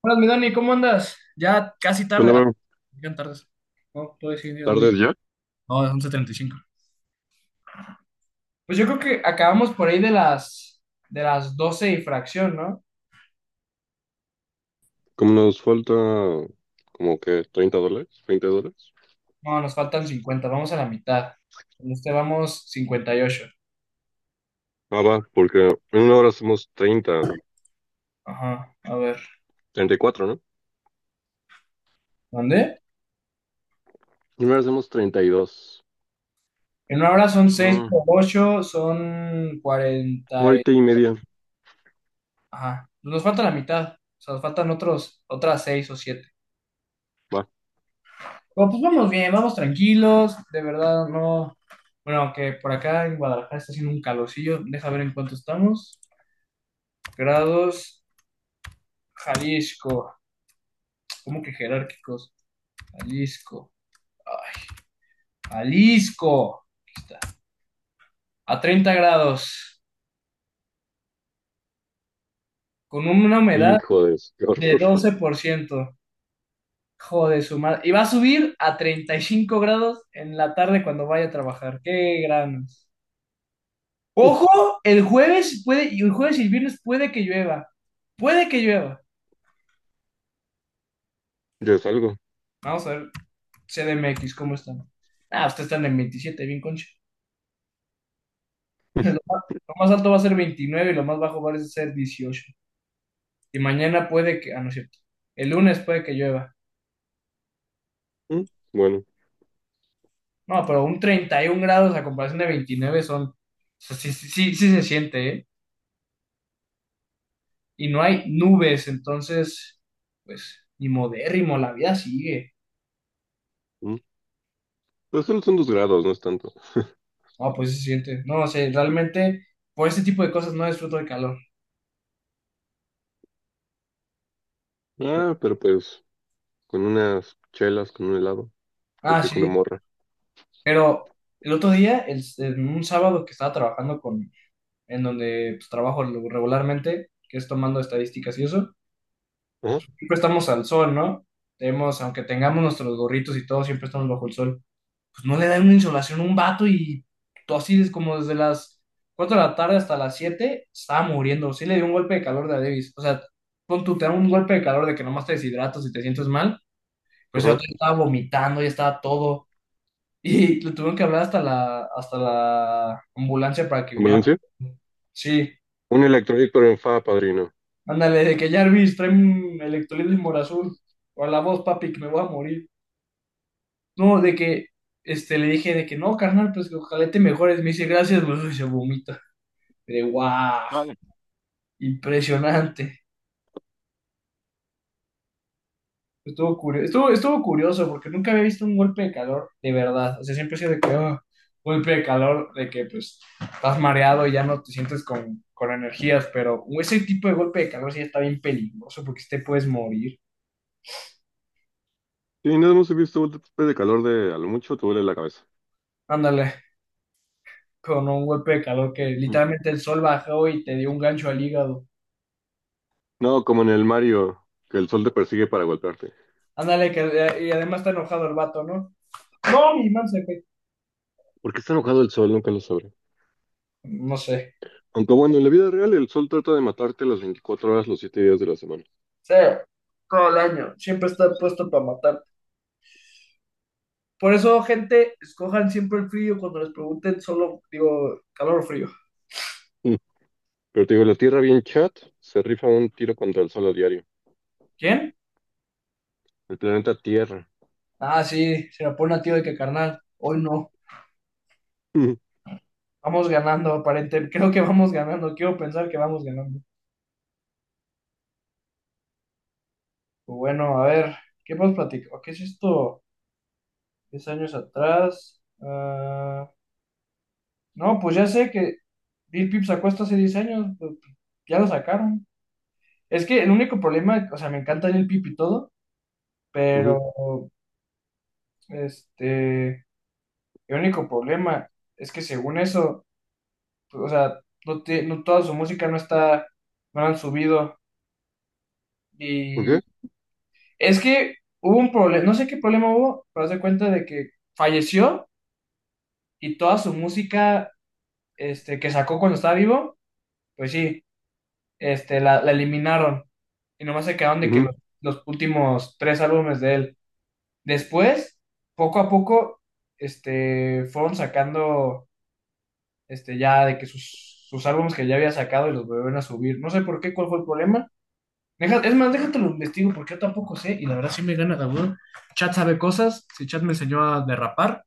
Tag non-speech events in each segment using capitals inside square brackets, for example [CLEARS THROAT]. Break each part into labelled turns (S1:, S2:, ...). S1: Hola, mi Dani, ¿cómo andas? Ya casi tarde.
S2: Bueno,
S1: Ah,
S2: bro,
S1: ya tardes. No, todo es día.
S2: tardes ya.
S1: No, es 11:35. Pues yo creo que acabamos por ahí de las 12 y fracción, ¿no?
S2: Como nos falta como que $30, $20.
S1: No, nos faltan 50, vamos a la mitad. En este vamos 58.
S2: Ah, va, porque en una hora hacemos treinta,
S1: Ajá, a ver.
S2: treinta y cuatro, ¿no?
S1: ¿Dónde?
S2: En una hora hacemos 32.
S1: En una hora son seis
S2: Ah,
S1: por 8, son 40.
S2: ahorita y media.
S1: Ajá, nos falta la mitad. O sea, nos faltan otras 6 o 7.
S2: Va.
S1: Pero, pues vamos bien, vamos tranquilos, de verdad no. Bueno, aunque por acá en Guadalajara está haciendo un calorcillo, deja ver en cuánto estamos. Grados, Jalisco. ¿Cómo que jerárquicos? Jalisco. Ay, Jalisco. Aquí está. A 30 grados, con una humedad
S2: Hijo de su- [LAUGHS] qué
S1: de
S2: horror.
S1: 12%. Joder, su madre. Y va a subir a 35 grados en la tarde cuando vaya a trabajar. Qué gran Ojo, el jueves puede, y el jueves y el viernes puede que llueva. Puede que llueva.
S2: Ya es algo.
S1: Vamos a ver CDMX, ¿cómo están? Ah, ustedes están en 27, bien concha. [LAUGHS] Lo más, lo más alto va a ser 29 y lo más bajo va a ser 18. Y mañana puede que, ah, no es cierto. El lunes puede que llueva.
S2: Mm. Bueno.
S1: No, pero un 31 grados a comparación de 29 son, o sea, sí, sí, sí, sí se siente, ¿eh? Y no hay nubes, entonces, pues, ni modérrimo, la vida sigue.
S2: Mm. Pero solo son 2 grados, no es tanto.
S1: No, pues sí se siente. No, o sea, realmente por ese tipo de cosas no disfruto del calor.
S2: Ah, pero pues con unas chelas, con un helado, con
S1: Ah,
S2: una
S1: sí,
S2: morra.
S1: pero el otro día, en un sábado que estaba trabajando en donde pues, trabajo regularmente, que es tomando estadísticas y eso,
S2: Ajá,
S1: siempre estamos al sol, ¿no? Tenemos, aunque tengamos nuestros gorritos y todo, siempre estamos bajo el sol. Pues no le dan una insolación a un vato y todo así es como desde las 4 de la tarde hasta las 7 estaba muriendo. Sí le dio un golpe de calor de a Davis. O sea, pon tú, te da un golpe de calor de que nomás te deshidratas y te sientes mal, pues el
S2: ajá.
S1: otro ya estaba vomitando, ya estaba todo. Y [LAUGHS] le tuvieron que hablar hasta la ambulancia para que viniera.
S2: ¿Ambulancia?
S1: Sí,
S2: Un electrolito en fa, padrino.
S1: ándale, de que Jarvis trae un electrolit de morazul. O a la voz, papi, que me voy a morir. No, de que este, le dije de que no, carnal, pues que ojalá te mejores. Me dice gracias, bro, [LAUGHS] y se vomita. De guau, impresionante. Estuvo curioso, estuvo curioso porque nunca había visto un golpe de calor de verdad. O sea, siempre he sido de que, "Ah, golpe de calor, de que pues estás mareado y ya no te sientes con energías, pero ese tipo de golpe de calor sí está bien peligroso porque sí te puedes morir.
S2: Sí, nada más he visto un golpe de calor de a lo mucho te duele la cabeza.
S1: Ándale, con un golpe de calor que
S2: Mm.
S1: literalmente el sol bajó y te dio un gancho al hígado.
S2: No, como en el Mario, que el sol te persigue para golpearte.
S1: Ándale, que y además está enojado el vato, ¿no? No, mi man se fue.
S2: ¿Por qué está enojado el sol? Nunca lo sabré.
S1: No sé.
S2: Aunque bueno, en la vida real el sol trata de matarte las 24 horas, los 7 días de la semana.
S1: Sí, todo el año. Siempre está puesto para matar. Por eso, gente, escojan siempre el frío cuando les pregunten, solo digo calor o frío.
S2: Mm. Pero te digo, la Tierra bien chat se rifa un tiro contra el sol a diario.
S1: ¿Quién?
S2: El planeta Tierra.
S1: Ah, sí, se la pone a tío de que carnal. Hoy no.
S2: Ujú,
S1: Vamos ganando, aparente. [LAUGHS] Creo que vamos ganando. Quiero pensar que vamos ganando. Pues bueno, a ver, ¿qué más platico? ¿Qué es esto? 10 años atrás. Ah, no, pues ya sé que Lil Peep sacó esto hace 10 años. Pues, ya lo sacaron. Es que el único problema, o sea, me encanta Lil Peep y todo, pero
S2: ujú.
S1: este. El único problema es que según eso, pues, o sea, no, no toda su música no está, no la han subido.
S2: ¿Por
S1: Y
S2: qué?
S1: es que hubo un problema, no sé qué problema hubo, pero haz de cuenta de que falleció y toda su música este, que sacó cuando estaba vivo, pues sí, este, la eliminaron. Y nomás se quedaron de que
S2: Ujú.
S1: los últimos tres álbumes de él. Después, poco a poco, este, fueron sacando este, ya de que sus álbumes que ya había sacado y los volvieron a subir. No sé por qué, cuál fue el problema. Es más, déjate lo investigo porque yo tampoco sé y la verdad sí me gana cabrón. Chat sabe cosas. Si Chat me enseñó a derrapar,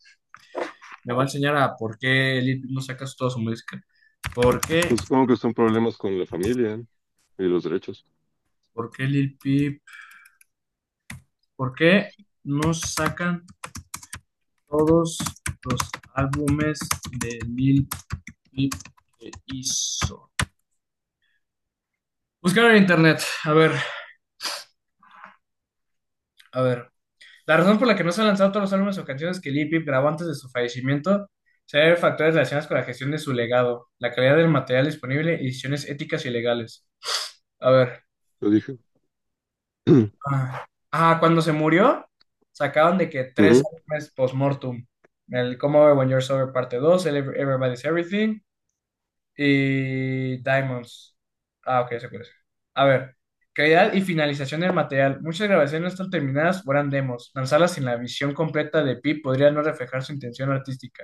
S1: me va a enseñar a por qué Lil Peep no saca toda su música. ¿Por qué?
S2: Pues supongo que son problemas con la familia y los derechos.
S1: ¿Por qué Lil Peep? ¿Por qué no sacan todos los álbumes de Lil Peep que hizo? Buscar en internet. A ver, a ver. La razón por la que no se han lanzado todos los álbumes o canciones que Lil Peep grabó antes de su fallecimiento se debe a factores relacionados con la gestión de su legado, la calidad del material disponible y decisiones éticas y legales. A ver.
S2: Lo dije. [CLEARS THROAT]
S1: Ah, ah, cuando se murió, sacaron de que tres
S2: Ujú.
S1: álbumes post-mortem. El Come Over When You're Sober parte 2, el Everybody's Everything, y Diamonds. Ah, ok, se puede. A ver, calidad y finalización del material. Muchas grabaciones no están terminadas o eran demos. Lanzarlas sin la visión completa de Pip podría no reflejar su intención artística.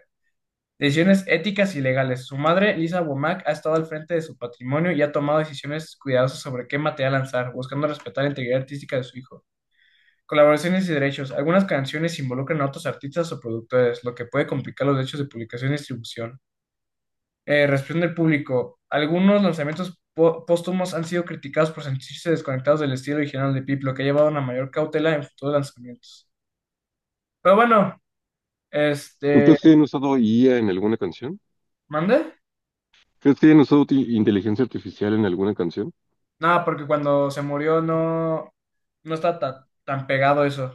S1: Decisiones éticas y legales. Su madre, Lisa Womack, ha estado al frente de su patrimonio y ha tomado decisiones cuidadosas sobre qué material lanzar, buscando respetar la integridad artística de su hijo. Colaboraciones y derechos. Algunas canciones involucran a otros artistas o productores, lo que puede complicar los derechos de publicación y distribución. Reacción del público. Algunos lanzamientos póstumos han sido criticados por sentirse desconectados del estilo original de Pip, lo que ha llevado a una mayor cautela en futuros lanzamientos. Pero bueno,
S2: ¿Tú
S1: este,
S2: crees que hayan usado IA en alguna canción?
S1: ¿mande?
S2: ¿Crees que hayan usado inteligencia artificial en alguna canción?
S1: Nada, porque cuando se murió no está tan pegado eso.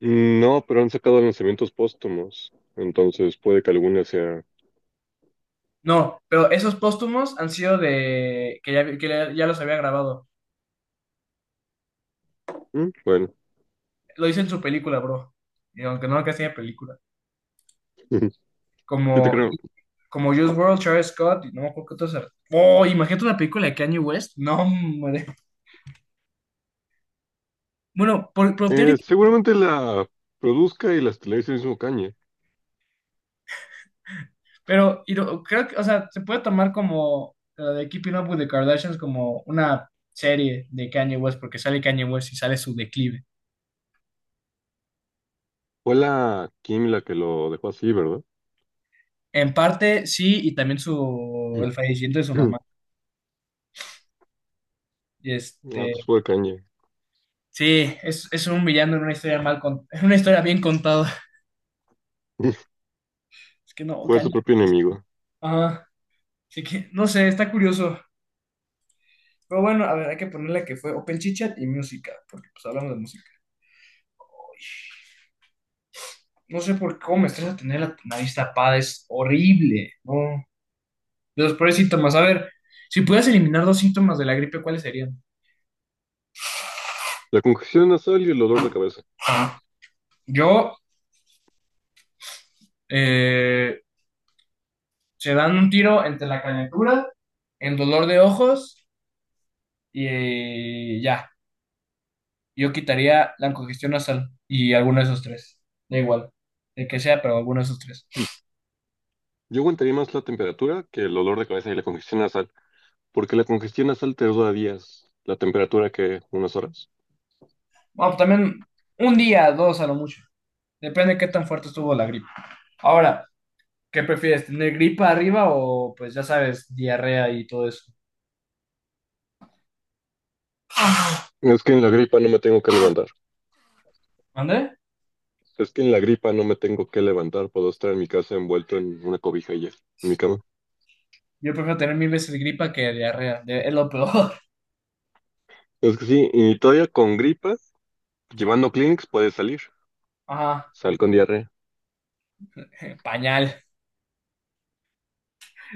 S2: Mm. No, pero han sacado lanzamientos póstumos, entonces puede que alguna sea...
S1: No, pero esos póstumos han sido de que ya, que ya los había grabado.
S2: Mm. Bueno.
S1: Lo hice en su película, bro. Y aunque no, que hacía película.
S2: [LAUGHS] Yo te
S1: Como
S2: creo.
S1: Como Juice WRLD, Travis Scott, y no me acuerdo qué otros. Oh, imagínate una película de Kanye West. No, hombre. Bueno, por teoría-
S2: Seguramente la produzca y las televisiones el mismo Kanye.
S1: pero creo que, o sea, se puede tomar como la de Keeping Up with the Kardashians como una serie de Kanye West, porque sale Kanye West y sale su declive.
S2: Fue la Kim la que lo dejó así, ¿verdad?
S1: En parte sí, y también su
S2: Mm.
S1: el fallecimiento de su
S2: [CLEARS THROAT]
S1: mamá. Y
S2: Ah,
S1: este,
S2: pues fue Kanye.
S1: sí, es un villano en una historia en [LAUGHS] una historia bien contada.
S2: [LAUGHS]
S1: Es que no,
S2: Fue su
S1: Kanye.
S2: propio enemigo.
S1: Ajá. Así que, no sé, está curioso. Pero bueno, a ver, hay que ponerle que fue Open Chit Chat y música, porque pues hablamos de música. No sé por qué, cómo me estresa tener la nariz tapada, es horrible. No. De los peores síntomas. A ver, si pudieras eliminar dos síntomas de la gripe, ¿cuáles serían?
S2: La congestión nasal y el dolor de cabeza. [CLEARS THROAT]
S1: Ah, yo, eh, se dan un tiro entre la calentura, el dolor de ojos y ya. Yo quitaría la congestión nasal y alguno de esos tres. Da igual, el que sea, pero alguno de esos tres.
S2: Mm. Yo aguantaría más la temperatura que el dolor de cabeza y la congestión nasal, porque la congestión nasal te dura días, la temperatura que unas horas.
S1: Bueno, pues, también un día, dos a lo mucho. Depende de qué tan fuerte estuvo la gripa. Ahora, ¿qué prefieres? ¿Tener gripa arriba o, pues ya sabes, diarrea y todo eso?
S2: Es que en la gripa no me tengo que levantar.
S1: ¿Mande?
S2: Es que en la gripa no me tengo que levantar. Puedo estar en mi casa envuelto en una cobija y ya, en mi cama.
S1: Yo prefiero tener mil veces gripa que diarrea. Es lo peor.
S2: Es que sí, y todavía con gripa, llevando Kleenex puedes salir.
S1: [LAUGHS] Ajá,
S2: Sal con diarrea.
S1: pañal.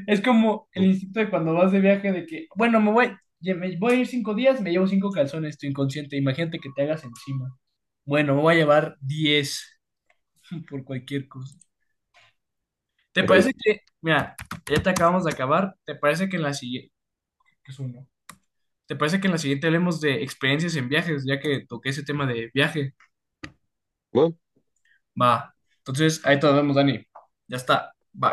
S1: Es como el
S2: Mm,
S1: instinto de cuando vas de viaje de que, bueno, me voy, ya me voy a ir 5 días, me llevo cinco calzones, tu inconsciente. Imagínate que te hagas encima. Bueno, me voy a llevar diez [LAUGHS] por cualquier cosa. ¿Te
S2: órale.
S1: parece que, mira, ya te acabamos de acabar? ¿Te parece que en la siguiente, que es uno? ¿Te parece que en la siguiente hablemos de experiencias en viajes, ya que toqué ese tema de viaje?
S2: Va.
S1: Va. Entonces, ahí te nos vemos, Dani. Ya está. Bye.